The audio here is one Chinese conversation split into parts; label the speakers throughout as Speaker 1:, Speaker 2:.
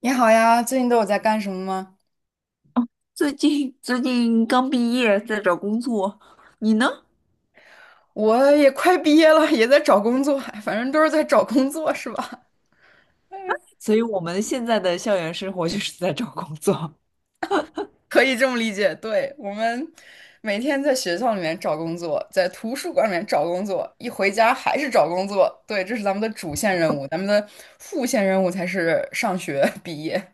Speaker 1: 你好呀，最近都有在干什么吗？
Speaker 2: 最近刚毕业，在找工作，你呢？
Speaker 1: 我也快毕业了，也在找工作，哎反正都是在找工作，是吧？
Speaker 2: 所以我们现在的校园生活就是在找工作。
Speaker 1: 可以这么理解。对，我们每天在学校里面找工作，在图书馆里面找工作，一回家还是找工作。对，这是咱们的主线任务，咱们的副线任务才是上学 毕业。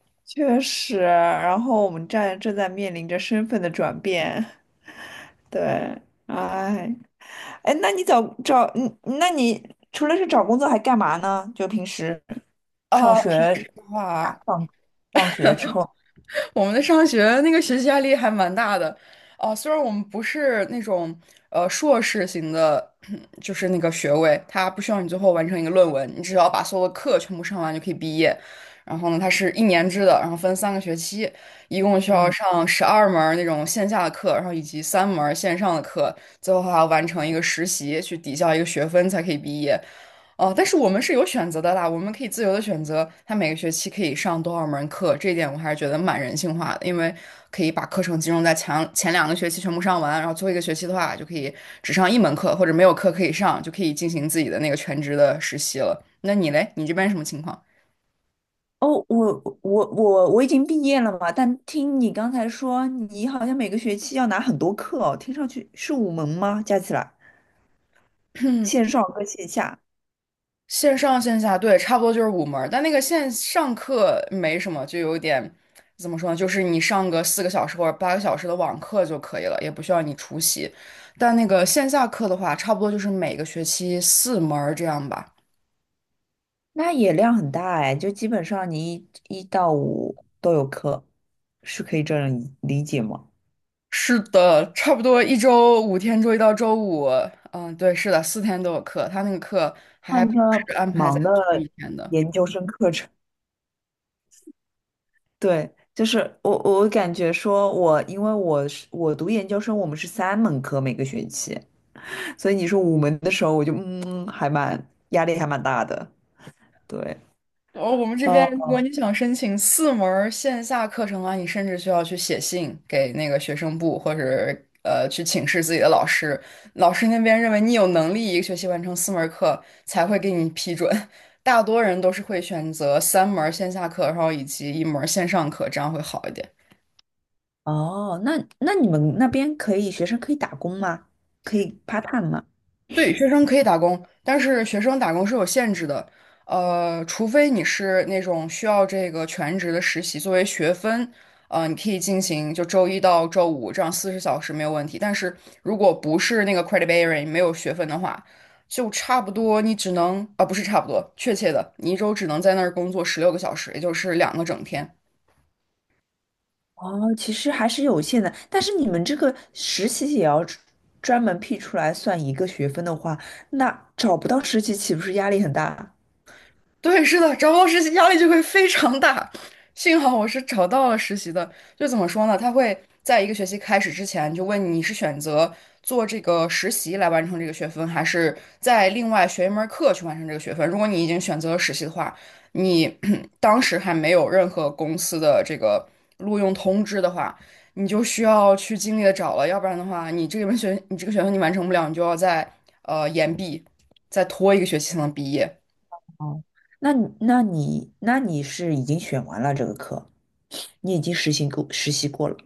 Speaker 2: 确实，然后我们正在面临着身份的转变，对，哎，哎，那你除了是找工作还干嘛呢？就平时上
Speaker 1: 啊，听
Speaker 2: 学
Speaker 1: 话，
Speaker 2: 放放学之后。
Speaker 1: 我们的上学那个学习压力还蛮大的，啊，虽然我们不是那种硕士型的，就是那个学位，它不需要你最后完成一个论文，你只要把所有的课全部上完就可以毕业。然后呢，它是一年制的，然后分三个学期，一共需要
Speaker 2: 嗯。
Speaker 1: 上12门儿那种线下的课，然后以及三门儿线上的课，最后还要完成一个实习去抵消一个学分才可以毕业。哦，但是我们是有选择的啦，我们可以自由的选择，他每个学期可以上多少门课，这一点我还是觉得蛮人性化的，因为可以把课程集中在前两个学期全部上完，然后最后一个学期的话就可以只上一门课，或者没有课可以上，就可以进行自己的那个全职的实习了。那你嘞，你这边什么情况？
Speaker 2: 哦，我已经毕业了嘛，但听你刚才说，你好像每个学期要拿很多课哦，听上去是五门吗？加起来，线上和线下。
Speaker 1: 线上线下，对，差不多就是五门儿但那个线上课没什么，就有点怎么说呢？就是你上个四个小时或者八个小时的网课就可以了，也不需要你出席。但那个线下课的话，差不多就是每个学期四门儿这样吧。
Speaker 2: 那也量很大哎，就基本上你一到五都有课，是可以这样理解吗？
Speaker 1: 是的，差不多一周五天，周一到周五，嗯，对，是的，四天都有课。他那个课还
Speaker 2: 换一
Speaker 1: 不
Speaker 2: 个
Speaker 1: 是
Speaker 2: 挺
Speaker 1: 安排在
Speaker 2: 忙
Speaker 1: 同
Speaker 2: 的
Speaker 1: 一天的。
Speaker 2: 研究生课程。对，就是我感觉说我，因为我读研究生，我们是三门课每个学期。所以你说五门的时候，我就还蛮压力还蛮大的。对，
Speaker 1: 哦，我们这边
Speaker 2: 哦
Speaker 1: 如果你想申请四门儿线下课程的话，你甚至需要去写信给那个学生部，或者去请示自己的老师。老师那边认为你有能力一个学期完成四门儿课，才会给你批准。大多人都是会选择三门儿线下课，然后以及一门儿线上课，这样会好一点。
Speaker 2: 哦，那你们那边学生可以打工吗？可以 part time 吗？
Speaker 1: 对，学生可以打工，但是学生打工是有限制的，除非你是那种需要这个全职的实习作为学分，你可以进行就周一到周五这样40小时没有问题。但是如果不是那个 credit bearing 没有学分的话，就差不多你只能啊，不是差不多，确切的，你一周只能在那儿工作16个小时，也就是两个整天。
Speaker 2: 哦，其实还是有限的，但是你们这个实习也要专门辟出来算一个学分的话，那找不到实习岂不是压力很大？
Speaker 1: 对，是的，找不到实习压力就会非常大。幸好我是找到了实习的，就怎么说呢？他会在一个学期开始之前就问你你是选择做这个实习来完成这个学分，还是在另外学一门课去完成这个学分。如果你已经选择了实习的话，你 当时还没有任何公司的这个录用通知的话，你就需要去尽力的找了，要不然的话，你这个学分你完成不了，你就要在延毕，再拖一个学期才能毕业。
Speaker 2: 哦，那你是已经选完了这个课，你已经实习过了。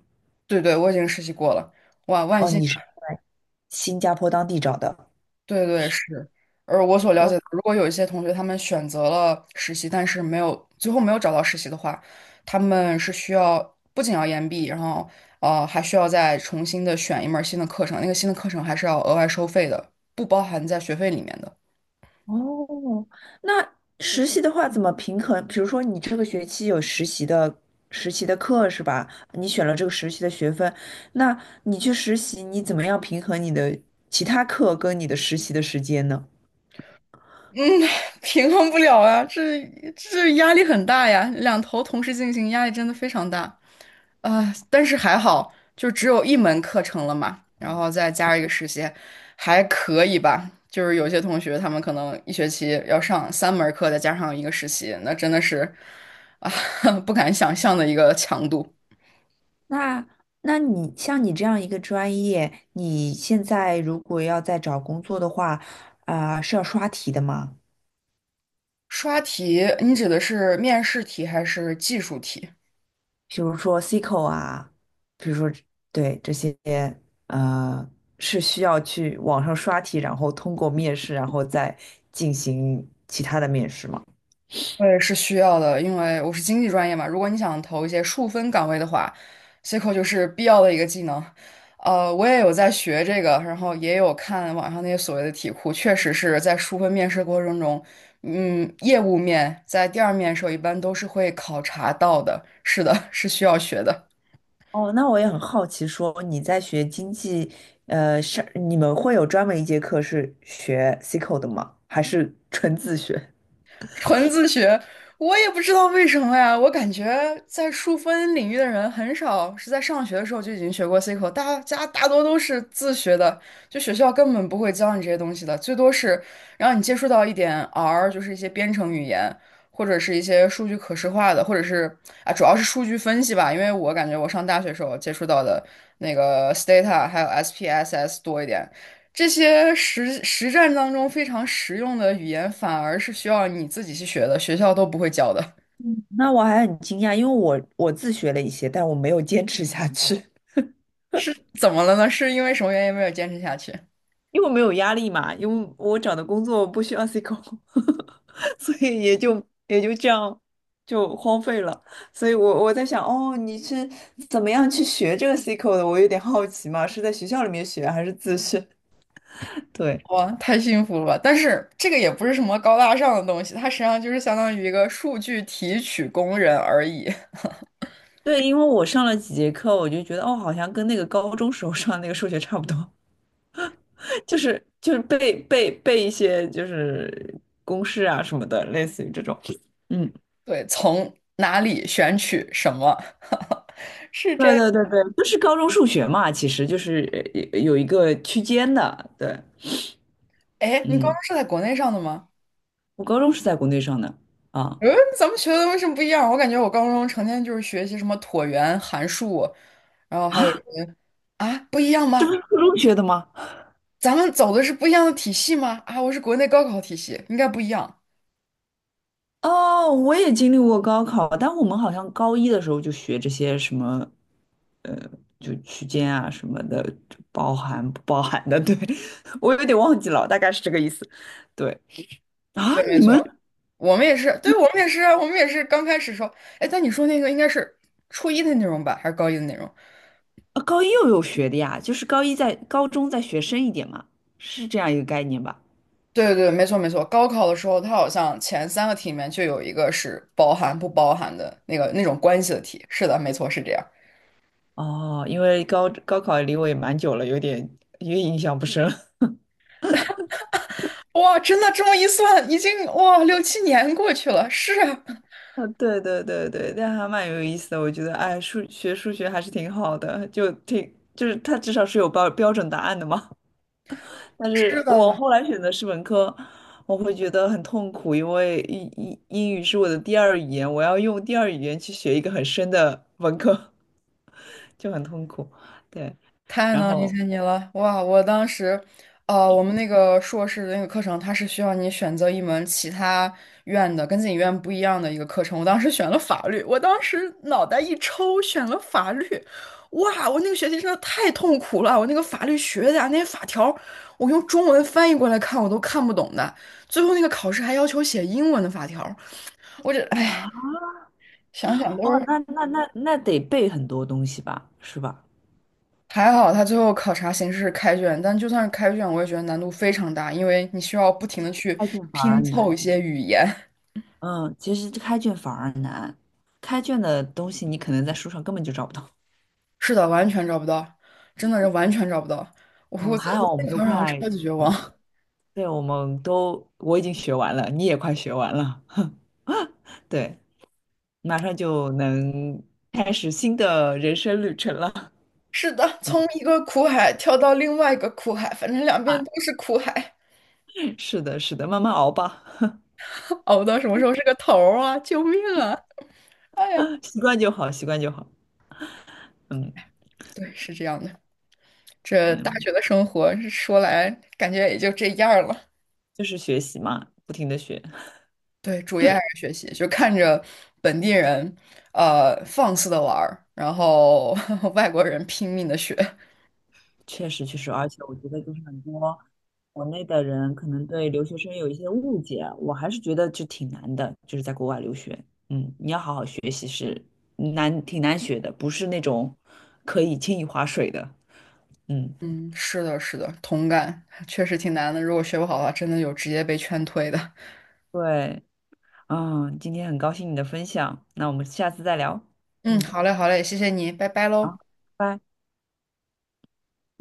Speaker 1: 对对，我已经实习过了，哇，万
Speaker 2: 哦，
Speaker 1: 幸
Speaker 2: 你是
Speaker 1: 啊
Speaker 2: 在新加坡当地找的。
Speaker 1: 对对是，而我所了解的，如果有一些同学他们选择了实习，但是没有最后没有找到实习的话，他们是需要不仅要延毕，然后还需要再重新的选一门儿新的课程，那个新的课程还是要额外收费的，不包含在学费里面的。
Speaker 2: 哦，那实习的话怎么平衡？比如说你这个学期有实习的课是吧？你选了这个实习的学分，那你去实习，你怎么样平衡你的其他课跟你的实习的时间呢？
Speaker 1: 嗯，平衡不了啊，这压力很大呀，两头同时进行，压力真的非常大。啊，但是还好，就只有一门课程了嘛，然后再加上一个实习，还可以吧。就是有些同学他们可能一学期要上三门课，再加上一个实习，那真的是啊，不敢想象的一个强度。
Speaker 2: 那那你像你这样一个专业，你现在如果要再找工作的话，啊、是要刷题的吗？
Speaker 1: 刷题，你指的是面试题还是技术题？
Speaker 2: 比如说 SQL 啊，比如说对这些呃是需要去网上刷题，然后通过面试，然后再进行其他的面试吗？
Speaker 1: 我也是需要的，因为我是经济专业嘛。如果你想投一些数分岗位的话，SQL 就是必要的一个技能。我也有在学这个，然后也有看网上那些所谓的题库，确实是在数分面试过程中，嗯，业务面在第二面的时候一般都是会考察到的。是的，是需要学的。
Speaker 2: 哦，那我也很好奇，说你在学经济，你们会有专门一节课是学 C q l 的吗？还是纯自学？
Speaker 1: 纯自学，我也不知道为什么呀。我感觉在数分领域的人很少是在上学的时候就已经学过 C 口，大家大多都是自学的，就学校根本不会教你这些东西的，最多是让你接触到一点 R,就是一些编程语言，或者是一些数据可视化的，或者是啊，主要是数据分析吧。因为我感觉我上大学时候接触到的那个 Stata 还有 SPSS 多一点。这些实战当中非常实用的语言，反而是需要你自己去学的，学校都不会教的。
Speaker 2: 那我还很惊讶，因为我自学了一些，但我没有坚持下去。
Speaker 1: 是怎么了呢？是因为什么原因没有坚持下去？
Speaker 2: 因为我没有压力嘛，因为我找的工作不需要呵呵呵，所以也就这样就荒废了。所以我在想，哦，你是怎么样去学这个 C 口的？我有点好奇嘛，是在学校里面学还是自学？对。
Speaker 1: 哇，太幸福了吧！但是这个也不是什么高大上的东西，它实际上就是相当于一个数据提取工人而已。
Speaker 2: 对，因为我上了几节课，我就觉得哦，好像跟那个高中时候上的那个数学差不多，就是背一些就是公式啊什么的，类似于这种。嗯。
Speaker 1: 对，从哪里选取什么，是这
Speaker 2: 对
Speaker 1: 样。
Speaker 2: 对对对，就是高中数学嘛，其实就是有一个区间的，对，
Speaker 1: 哎，你高
Speaker 2: 嗯，
Speaker 1: 中是在国内上的吗？
Speaker 2: 我高中是在国内上的啊
Speaker 1: 嗯，咱们学的为什么不一样？我感觉我高中成天就是学习什么椭圆、函数，然后还有什
Speaker 2: 啊，
Speaker 1: 么啊，不一样
Speaker 2: 这不
Speaker 1: 吗？
Speaker 2: 是初中学的吗？
Speaker 1: 咱们走的是不一样的体系吗？啊，我是国内高考体系，应该不一样。
Speaker 2: 哦，我也经历过高考，但我们好像高一的时候就学这些什么，呃，就区间啊什么的，就包含不包含的，对，我有点忘记了，大概是这个意思。对啊，
Speaker 1: 对，
Speaker 2: 你
Speaker 1: 没错，
Speaker 2: 们
Speaker 1: 我们也是，对，我们也是啊，我们也是刚开始时候，哎，但你说那个应该是初一的内容吧，还是高一的内容？
Speaker 2: 高一又有学的呀？就是高一在高中再学深一点嘛，是这样一个概念吧？
Speaker 1: 对对对，没错没错。高考的时候，它好像前三个题里面就有一个是包含不包含的那个那种关系的题。是的，没错，是这样。
Speaker 2: 哦，因为高考离我也蛮久了，有点印象不深了
Speaker 1: 哇，真的这么一算，已经哇六七年过去了。是啊，
Speaker 2: 啊，对对对对，但还蛮有意思的。我觉得，哎，数学还是挺好的，就是它至少是有标准答案的嘛。但
Speaker 1: 是
Speaker 2: 是我
Speaker 1: 的，
Speaker 2: 后来选的是文科，我会觉得很痛苦，因为英语是我的第二语言，我要用第二语言去学一个很深的文科，就很痛苦。对，
Speaker 1: 太
Speaker 2: 然
Speaker 1: 能理
Speaker 2: 后
Speaker 1: 解你了。哇，我当时，我们那个硕士的那个课程，它是需要你选择一门其他院的跟自己院不一样的一个课程。我当时选了法律，我当时脑袋一抽选了法律。哇，我那个学期真的太痛苦了，我那个法律学的啊那些法条，我用中文翻译过来看我都看不懂的。最后那个考试还要求写英文的法条，我这哎，
Speaker 2: 啊，
Speaker 1: 想想都
Speaker 2: 哦，
Speaker 1: 是。
Speaker 2: 那得背很多东西吧，是吧？
Speaker 1: 还好他最后考察形式是开卷，但就算是开卷，我也觉得难度非常大，因为你需要不停的去
Speaker 2: 开卷反而
Speaker 1: 拼凑一
Speaker 2: 难。
Speaker 1: 些语言。
Speaker 2: 嗯，其实开卷反而难，开卷的东西你可能在书上根本就找不到。
Speaker 1: 是的，完全找不到，真的是完全找不到。我我
Speaker 2: 嗯，
Speaker 1: 在
Speaker 2: 还
Speaker 1: 我
Speaker 2: 好我
Speaker 1: 在
Speaker 2: 们都
Speaker 1: 考场上
Speaker 2: 快，
Speaker 1: 超级绝望。
Speaker 2: 对，我们都，我已经学完了，你也快学完了，对，马上就能开始新的人生旅程了。
Speaker 1: 是的，从一个苦海跳到另外一个苦海，反正两边
Speaker 2: 啊，
Speaker 1: 都是苦海，
Speaker 2: 是的，是的，慢慢熬吧，
Speaker 1: 熬到什么时候是个头儿啊！救命啊！哎呀，
Speaker 2: 习惯就好，习惯就好。嗯
Speaker 1: 对，是这样的。这大
Speaker 2: 嗯，
Speaker 1: 学的生活说来感觉也就这样儿了。
Speaker 2: 就是学习嘛，不停的学。
Speaker 1: 对，主业还是学习，就看着本地人，放肆的玩儿，然后 外国人拼命的学。
Speaker 2: 确实，确实，而且我觉得就是很多国内的人可能对留学生有一些误解，我还是觉得就挺难的，就是在国外留学，嗯，你要好好学习是难，挺难学的，不是那种可以轻易划水的，嗯，
Speaker 1: 嗯，是的，是的，同感，确实挺难的。如果学不好的话，真的有直接被劝退的。
Speaker 2: 对，嗯，今天很高兴你的分享，那我们下次再聊，
Speaker 1: 嗯，
Speaker 2: 嗯，
Speaker 1: 好嘞，好嘞，谢谢你，拜拜喽。
Speaker 2: 好，拜。